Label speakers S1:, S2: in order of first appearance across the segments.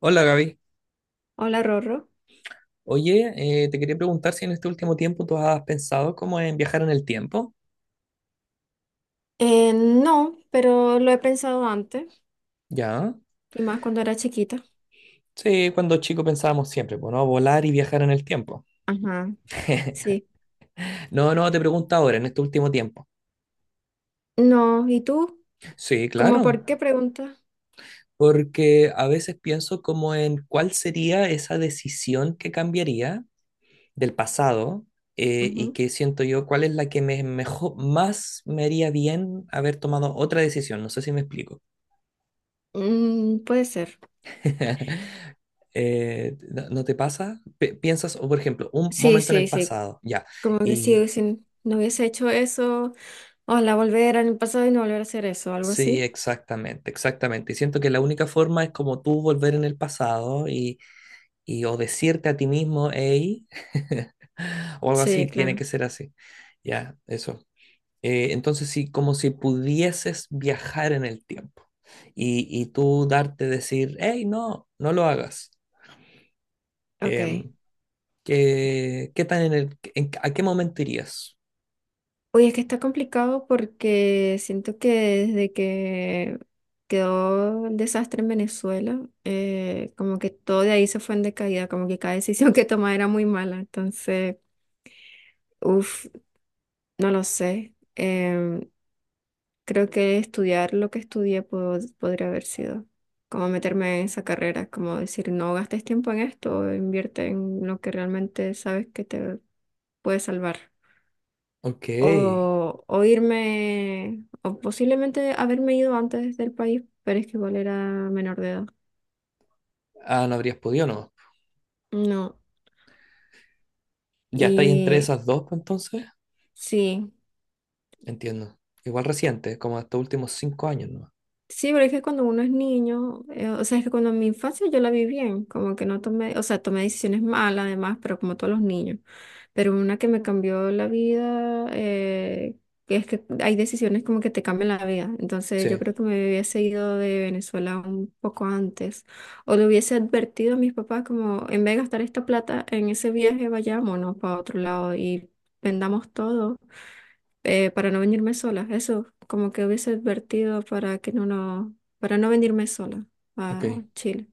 S1: Hola Gaby.
S2: Hola, Rorro.
S1: Oye, te quería preguntar si en este último tiempo tú has pensado como en viajar en el tiempo.
S2: No, pero lo he pensado antes,
S1: ¿Ya?
S2: y más cuando era chiquita.
S1: Sí, cuando chico pensábamos siempre, pues, ¿no? Volar y viajar en el tiempo.
S2: Ajá, sí.
S1: No, no, te pregunto ahora, en este último tiempo.
S2: No, ¿y tú?
S1: Sí,
S2: ¿Cómo
S1: claro.
S2: por qué pregunta?
S1: Porque a veces pienso como en cuál sería esa decisión que cambiaría del pasado y
S2: Ujú.
S1: que siento yo cuál es la que me mejor, más me haría bien haber tomado otra decisión. No sé si me explico.
S2: Mm, puede ser.
S1: ¿No, no te pasa? Piensas, o, por ejemplo, un
S2: Sí,
S1: momento en el
S2: sí, sí.
S1: pasado, ya.
S2: Como que sí,
S1: Y
S2: si no hubiese hecho eso, ojalá volver al pasado y no volver a hacer eso, algo
S1: sí,
S2: así.
S1: exactamente, exactamente. Y siento que la única forma es como tú volver en el pasado y o decirte a ti mismo, hey, o algo así,
S2: Sí,
S1: tiene
S2: claro.
S1: que ser así. Ya, eso. Entonces, sí, como si pudieses viajar en el tiempo y tú darte decir, hey, no, no lo hagas.
S2: Ok.
S1: em, qué tan en a qué momento irías?
S2: Oye, es que está complicado porque siento que desde que quedó el desastre en Venezuela, como que todo de ahí se fue en decaída, como que cada decisión que tomaba era muy mala. Entonces, uff, no lo sé. Creo que estudiar lo que estudié podría haber sido como meterme en esa carrera, como decir, no gastes tiempo en esto, invierte en lo que realmente sabes que te puede salvar.
S1: Ok.
S2: O irme, o posiblemente haberme ido antes del país, pero es que igual era menor de edad.
S1: Ah, no habrías podido, no.
S2: No,
S1: ¿Ya estáis entre
S2: y
S1: esas dos, pues, entonces?
S2: sí.
S1: Entiendo. Igual reciente, como estos últimos 5 años, ¿no?
S2: Sí, pero es que cuando uno es niño, o sea, es que cuando en mi infancia yo la vi bien, como que no tomé, o sea, tomé decisiones malas además, pero como todos los niños. Pero una que me cambió la vida, que es que hay decisiones como que te cambian la vida. Entonces yo
S1: Sí,
S2: creo que me hubiese ido de Venezuela un poco antes, o le hubiese advertido a mis papás como, en vez de gastar esta plata en ese viaje, vayámonos para otro lado y vendamos todo, para no venirme sola. Eso, como que hubiese advertido para que no, no, para no venirme sola
S1: ok,
S2: a Chile.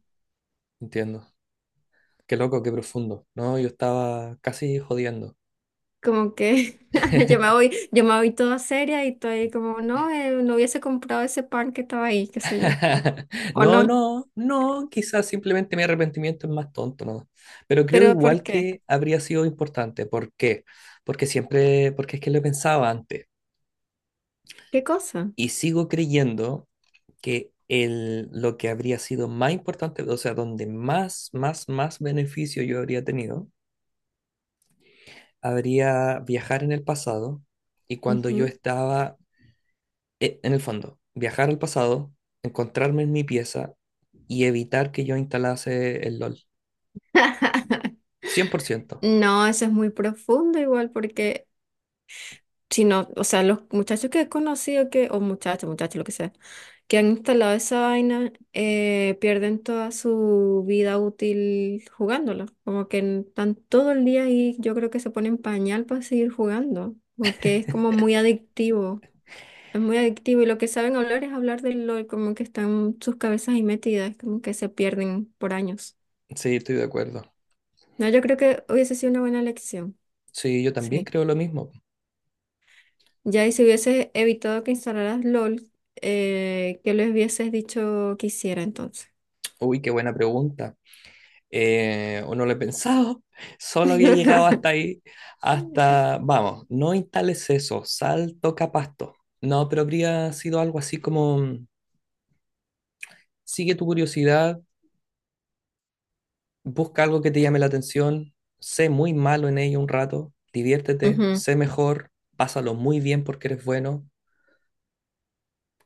S1: entiendo. Qué loco, qué profundo. No, yo estaba casi jodiendo.
S2: Como que yo me voy toda seria y estoy como, no, no hubiese comprado ese pan que estaba ahí, qué sé yo. O
S1: No,
S2: no,
S1: no, no, quizás simplemente mi arrepentimiento es más tonto, ¿no? Pero creo
S2: pero ¿por
S1: igual
S2: qué?
S1: que habría sido importante. ¿Por qué? Porque siempre, porque es que lo pensaba antes.
S2: ¿Qué cosa?
S1: Y sigo creyendo que lo que habría sido más importante, o sea, donde más beneficio yo habría tenido, habría viajar en el pasado y cuando yo
S2: Ujú.
S1: estaba, en el fondo, viajar al pasado, encontrarme en mi pieza y evitar que yo instalase el LOL. 100%.
S2: No, eso es muy profundo igual porque sino, o sea, los muchachos que he conocido que, o muchachos, muchachos, lo que sea, que han instalado esa vaina, pierden toda su vida útil jugándola. Como que están todo el día ahí, yo creo que se ponen pañal para seguir jugando, porque es como muy adictivo. Es muy adictivo y lo que saben hablar es hablar de lo como que están sus cabezas ahí metidas, como que se pierden por años.
S1: Sí, estoy de acuerdo.
S2: No, yo creo que hubiese sido una buena lección.
S1: Sí, yo también
S2: Sí.
S1: creo lo mismo.
S2: Ya, y si hubieses evitado que instalaras LOL, ¿qué les hubieses dicho que hiciera entonces?
S1: Uy, qué buena pregunta. O no lo he pensado, solo había llegado hasta ahí, hasta, vamos, no instales eso, salto capasto. No, pero habría sido algo así como, sigue tu curiosidad, busca algo que te llame la atención, sé muy malo en ello un rato, diviértete,
S2: Ujú.
S1: sé mejor, pásalo muy bien porque eres bueno,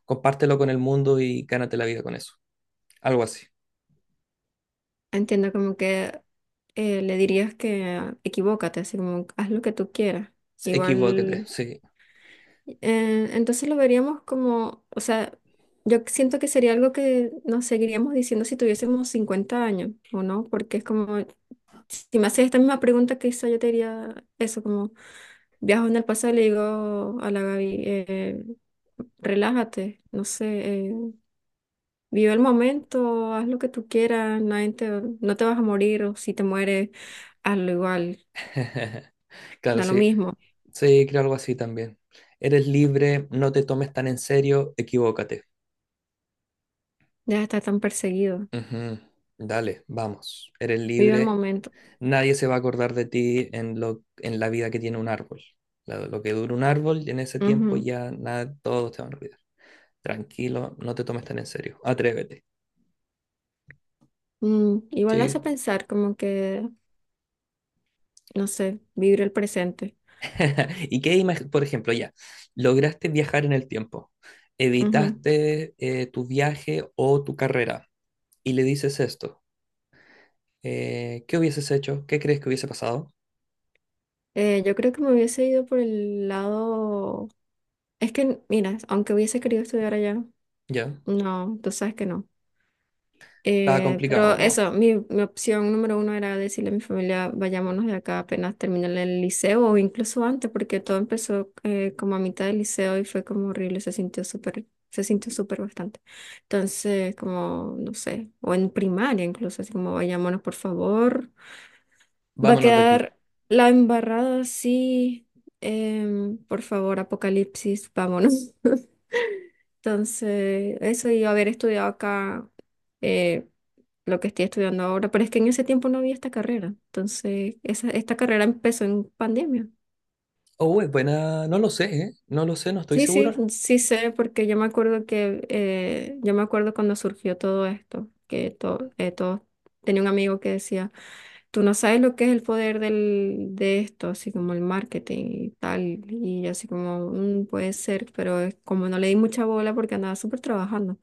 S1: compártelo con el mundo y gánate la vida con eso. Algo así.
S2: Entiendo como que le dirías que equivócate, así como haz lo que tú quieras.
S1: Equivóquete,
S2: Igual
S1: sí.
S2: Entonces lo veríamos como, o sea, yo siento que sería algo que nos seguiríamos diciendo si tuviésemos 50 años, ¿o no? Porque es como, si me haces esta misma pregunta que hizo, yo te diría eso, como viajo en el pasado y le digo a la Gaby, relájate, no sé, vive el momento, haz lo que tú quieras, nadie te- no te vas a morir, o si te mueres, hazlo igual,
S1: Claro,
S2: da lo
S1: sí.
S2: mismo,
S1: Sí, creo algo así también. Eres libre, no te tomes tan en serio, equivócate.
S2: deja de estar tan perseguido,
S1: Ujú. Dale, vamos. Eres
S2: vive el
S1: libre.
S2: momento.
S1: Nadie se va a acordar de ti en en la vida que tiene un árbol. Lo que dura un árbol, y en ese tiempo ya nada, todos te van a olvidar. Tranquilo, no te tomes tan en serio. Atrévete.
S2: Mm, igual hace
S1: Sí.
S2: pensar como que, no sé, vivir el presente.
S1: ¿Y qué imagen, por ejemplo, ya, lograste viajar en el tiempo,
S2: Ujú.
S1: evitaste tu viaje o tu carrera y le dices esto? ¿Qué hubieses hecho? ¿Qué crees que hubiese pasado?
S2: Yo creo que me hubiese ido por el lado... Es que, mira, aunque hubiese querido estudiar allá,
S1: Ya,
S2: no, tú sabes que no.
S1: estaba
S2: Pero
S1: complicado, po.
S2: eso, mi opción número uno era decirle a mi familia, vayámonos de acá apenas termine el liceo o incluso antes, porque todo empezó como a mitad del liceo y fue como horrible, se sintió súper bastante. Entonces, como, no sé, o en primaria incluso, así como, vayámonos por favor. Va a
S1: Vámonos de aquí.
S2: quedar la embarrada así, por favor, apocalipsis, vámonos. Entonces, eso y haber estudiado acá eh, lo que estoy estudiando ahora, pero es que en ese tiempo no había esta carrera. Entonces, esta carrera empezó en pandemia.
S1: Oh, es buena, no lo sé, ¿eh? No lo sé, no estoy
S2: Sí, sí,
S1: seguro.
S2: sí sé, porque yo me acuerdo que, yo me acuerdo cuando surgió todo esto, que todo, tenía un amigo que decía, tú no sabes lo que es el poder de esto, así como el marketing y tal, y yo así como, "Mm, puede ser", pero es como no le di mucha bola porque andaba súper trabajando.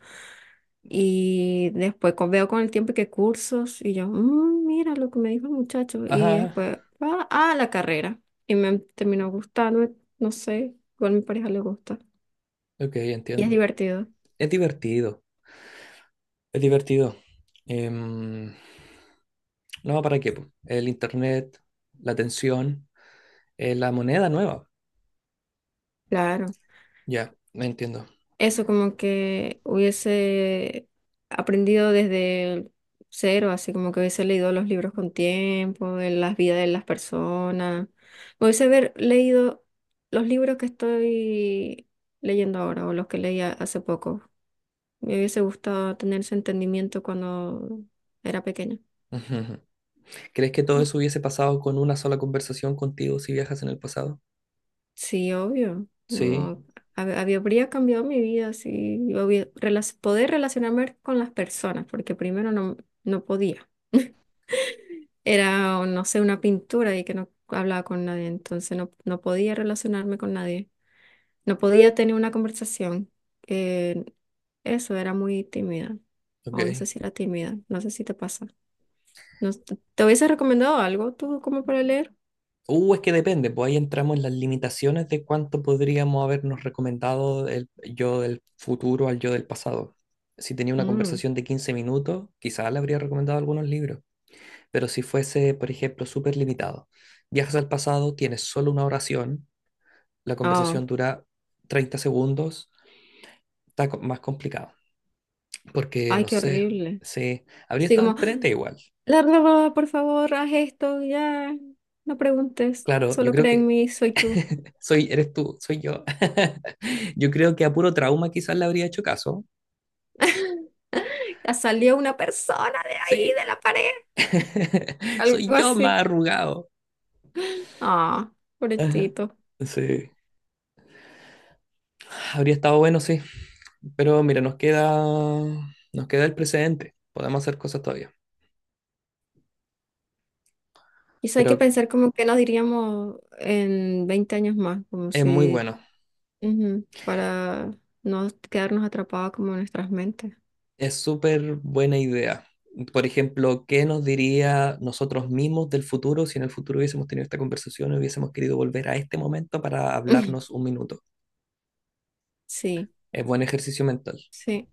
S2: Y después veo con el tiempo que cursos y yo, "Mm, mira lo que me dijo el muchacho". Y
S1: Ajá,
S2: después va a la carrera. Y me terminó gustando, no sé, igual a mi pareja le gusta.
S1: ok,
S2: Y es
S1: entiendo.
S2: divertido,
S1: Es divertido, es divertido. Em, no, ¿para qué, po? El internet, la tensión, la moneda nueva.
S2: claro.
S1: Ya, me entiendo.
S2: Eso como que hubiese aprendido desde el cero, así como que hubiese leído los libros con tiempo, de las vidas de las personas. Me hubiese haber leído los libros que estoy leyendo ahora o los que leía hace poco. Me hubiese gustado tener ese entendimiento cuando era pequeña.
S1: Ujú. ¿Crees que todo eso hubiese pasado con una sola conversación contigo si viajas en el pasado?
S2: Sí, obvio.
S1: Sí,
S2: No, habría cambiado mi vida si yo poder relacionarme con las personas, porque primero no, no podía. Era, o no sé, una pintura y que no hablaba con nadie, entonces no, no podía relacionarme con nadie. No podía tener una conversación. eh, Eso era muy tímida. O no sé
S1: ok.
S2: si era tímida, no sé si te pasa. No, ¿te hubiese recomendado algo tú como para leer?
S1: Es que depende, pues ahí entramos en las limitaciones de cuánto podríamos habernos recomendado el yo del futuro al yo del pasado. Si tenía una
S2: Mm.
S1: conversación de 15 minutos, quizás le habría recomendado algunos libros, pero si fuese, por ejemplo, súper limitado, viajas al pasado, tienes solo una oración, la
S2: Oh,
S1: conversación dura 30 segundos, está más complicado, porque
S2: ay,
S1: no
S2: qué
S1: sé,
S2: horrible.
S1: sí, habría
S2: Sí,
S1: estado
S2: como,
S1: en igual.
S2: larga, va, por favor, haz esto, ya. No preguntes,
S1: Claro, yo
S2: solo
S1: creo
S2: cree en
S1: que
S2: mí, soy tú.
S1: soy, eres tú, soy yo. Yo creo que a puro trauma quizás le habría hecho caso.
S2: Ya salió una persona de
S1: Sí,
S2: ahí, de la pared. Algo
S1: soy yo
S2: así.
S1: más arrugado.
S2: Ah,
S1: Ajá.
S2: pobrecito.
S1: Sí, habría estado bueno, sí. Pero mira, nos queda el precedente. Podemos hacer cosas todavía.
S2: Quizá hay que
S1: Pero
S2: pensar como que nos diríamos en 20 años más, como
S1: es muy
S2: si,
S1: bueno.
S2: ujú, para no quedarnos atrapados como en nuestras mentes.
S1: Es súper buena idea. Por ejemplo, ¿qué nos diría nosotros mismos del futuro si en el futuro hubiésemos tenido esta conversación y hubiésemos querido volver a este momento para hablarnos un minuto?
S2: Sí,
S1: Es buen ejercicio mental.
S2: sí.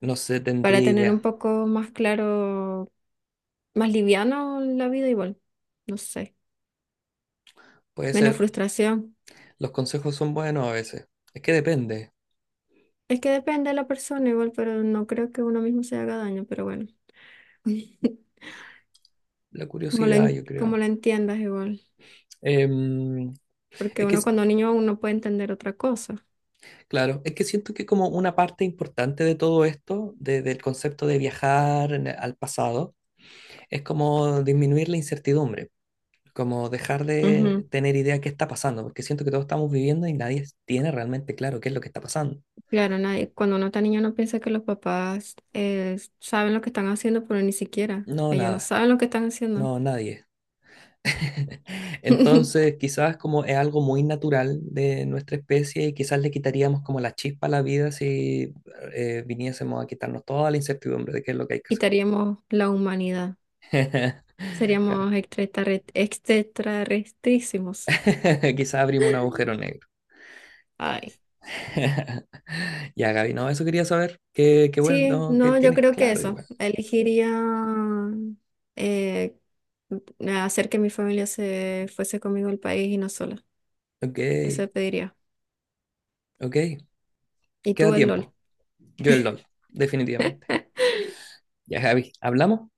S1: No sé,
S2: Para
S1: tendría
S2: tener un
S1: idea.
S2: poco más claro, más liviano la vida igual. No sé.
S1: Puede
S2: Menos
S1: ser.
S2: frustración.
S1: Los consejos son buenos a veces. Es que depende.
S2: Es que depende de la persona igual, pero no creo que uno mismo se haga daño, pero bueno.
S1: La
S2: Como lo,
S1: curiosidad, yo
S2: como
S1: creo.
S2: lo entiendas igual.
S1: Em,
S2: Porque
S1: es que,
S2: uno
S1: es-
S2: cuando niño aún no puede entender otra cosa.
S1: claro, es que siento que como una parte importante de todo esto, del concepto de viajar al pasado, es como disminuir la incertidumbre, como dejar de
S2: Ujú.
S1: tener idea de qué está pasando, porque siento que todos estamos viviendo y nadie tiene realmente claro qué es lo que está pasando.
S2: Claro, nadie, cuando uno está niño no piensa que los papás saben lo que están haciendo, pero ni siquiera.
S1: No,
S2: Ellos no
S1: nada.
S2: saben lo que están haciendo.
S1: No, nadie. Entonces, quizás como es algo muy natural de nuestra especie y quizás le quitaríamos como la chispa a la vida si viniésemos a quitarnos toda la incertidumbre de qué es lo que hay que hacer.
S2: Quitaríamos la humanidad.
S1: Claro.
S2: Seríamos extraterrestrísimos.
S1: Quizás abrimos un agujero negro.
S2: Ay.
S1: Ya, Gaby, no, eso quería saber. Qué, qué bueno,
S2: Sí,
S1: no, que
S2: no, yo
S1: tienes
S2: creo que
S1: claro
S2: eso.
S1: igual.
S2: Elegiría eh, hacer que mi familia se fuese conmigo al país y no sola.
S1: Ok,
S2: Eso pediría.
S1: ok,
S2: Y
S1: queda
S2: tú el LOL.
S1: tiempo. Yo el LOL, definitivamente. Ya, Gaby, hablamos.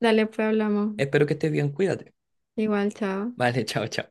S2: Dale, pues hablamos.
S1: Espero que estés bien, cuídate.
S2: Igual, chao.
S1: Vale, chao, chao.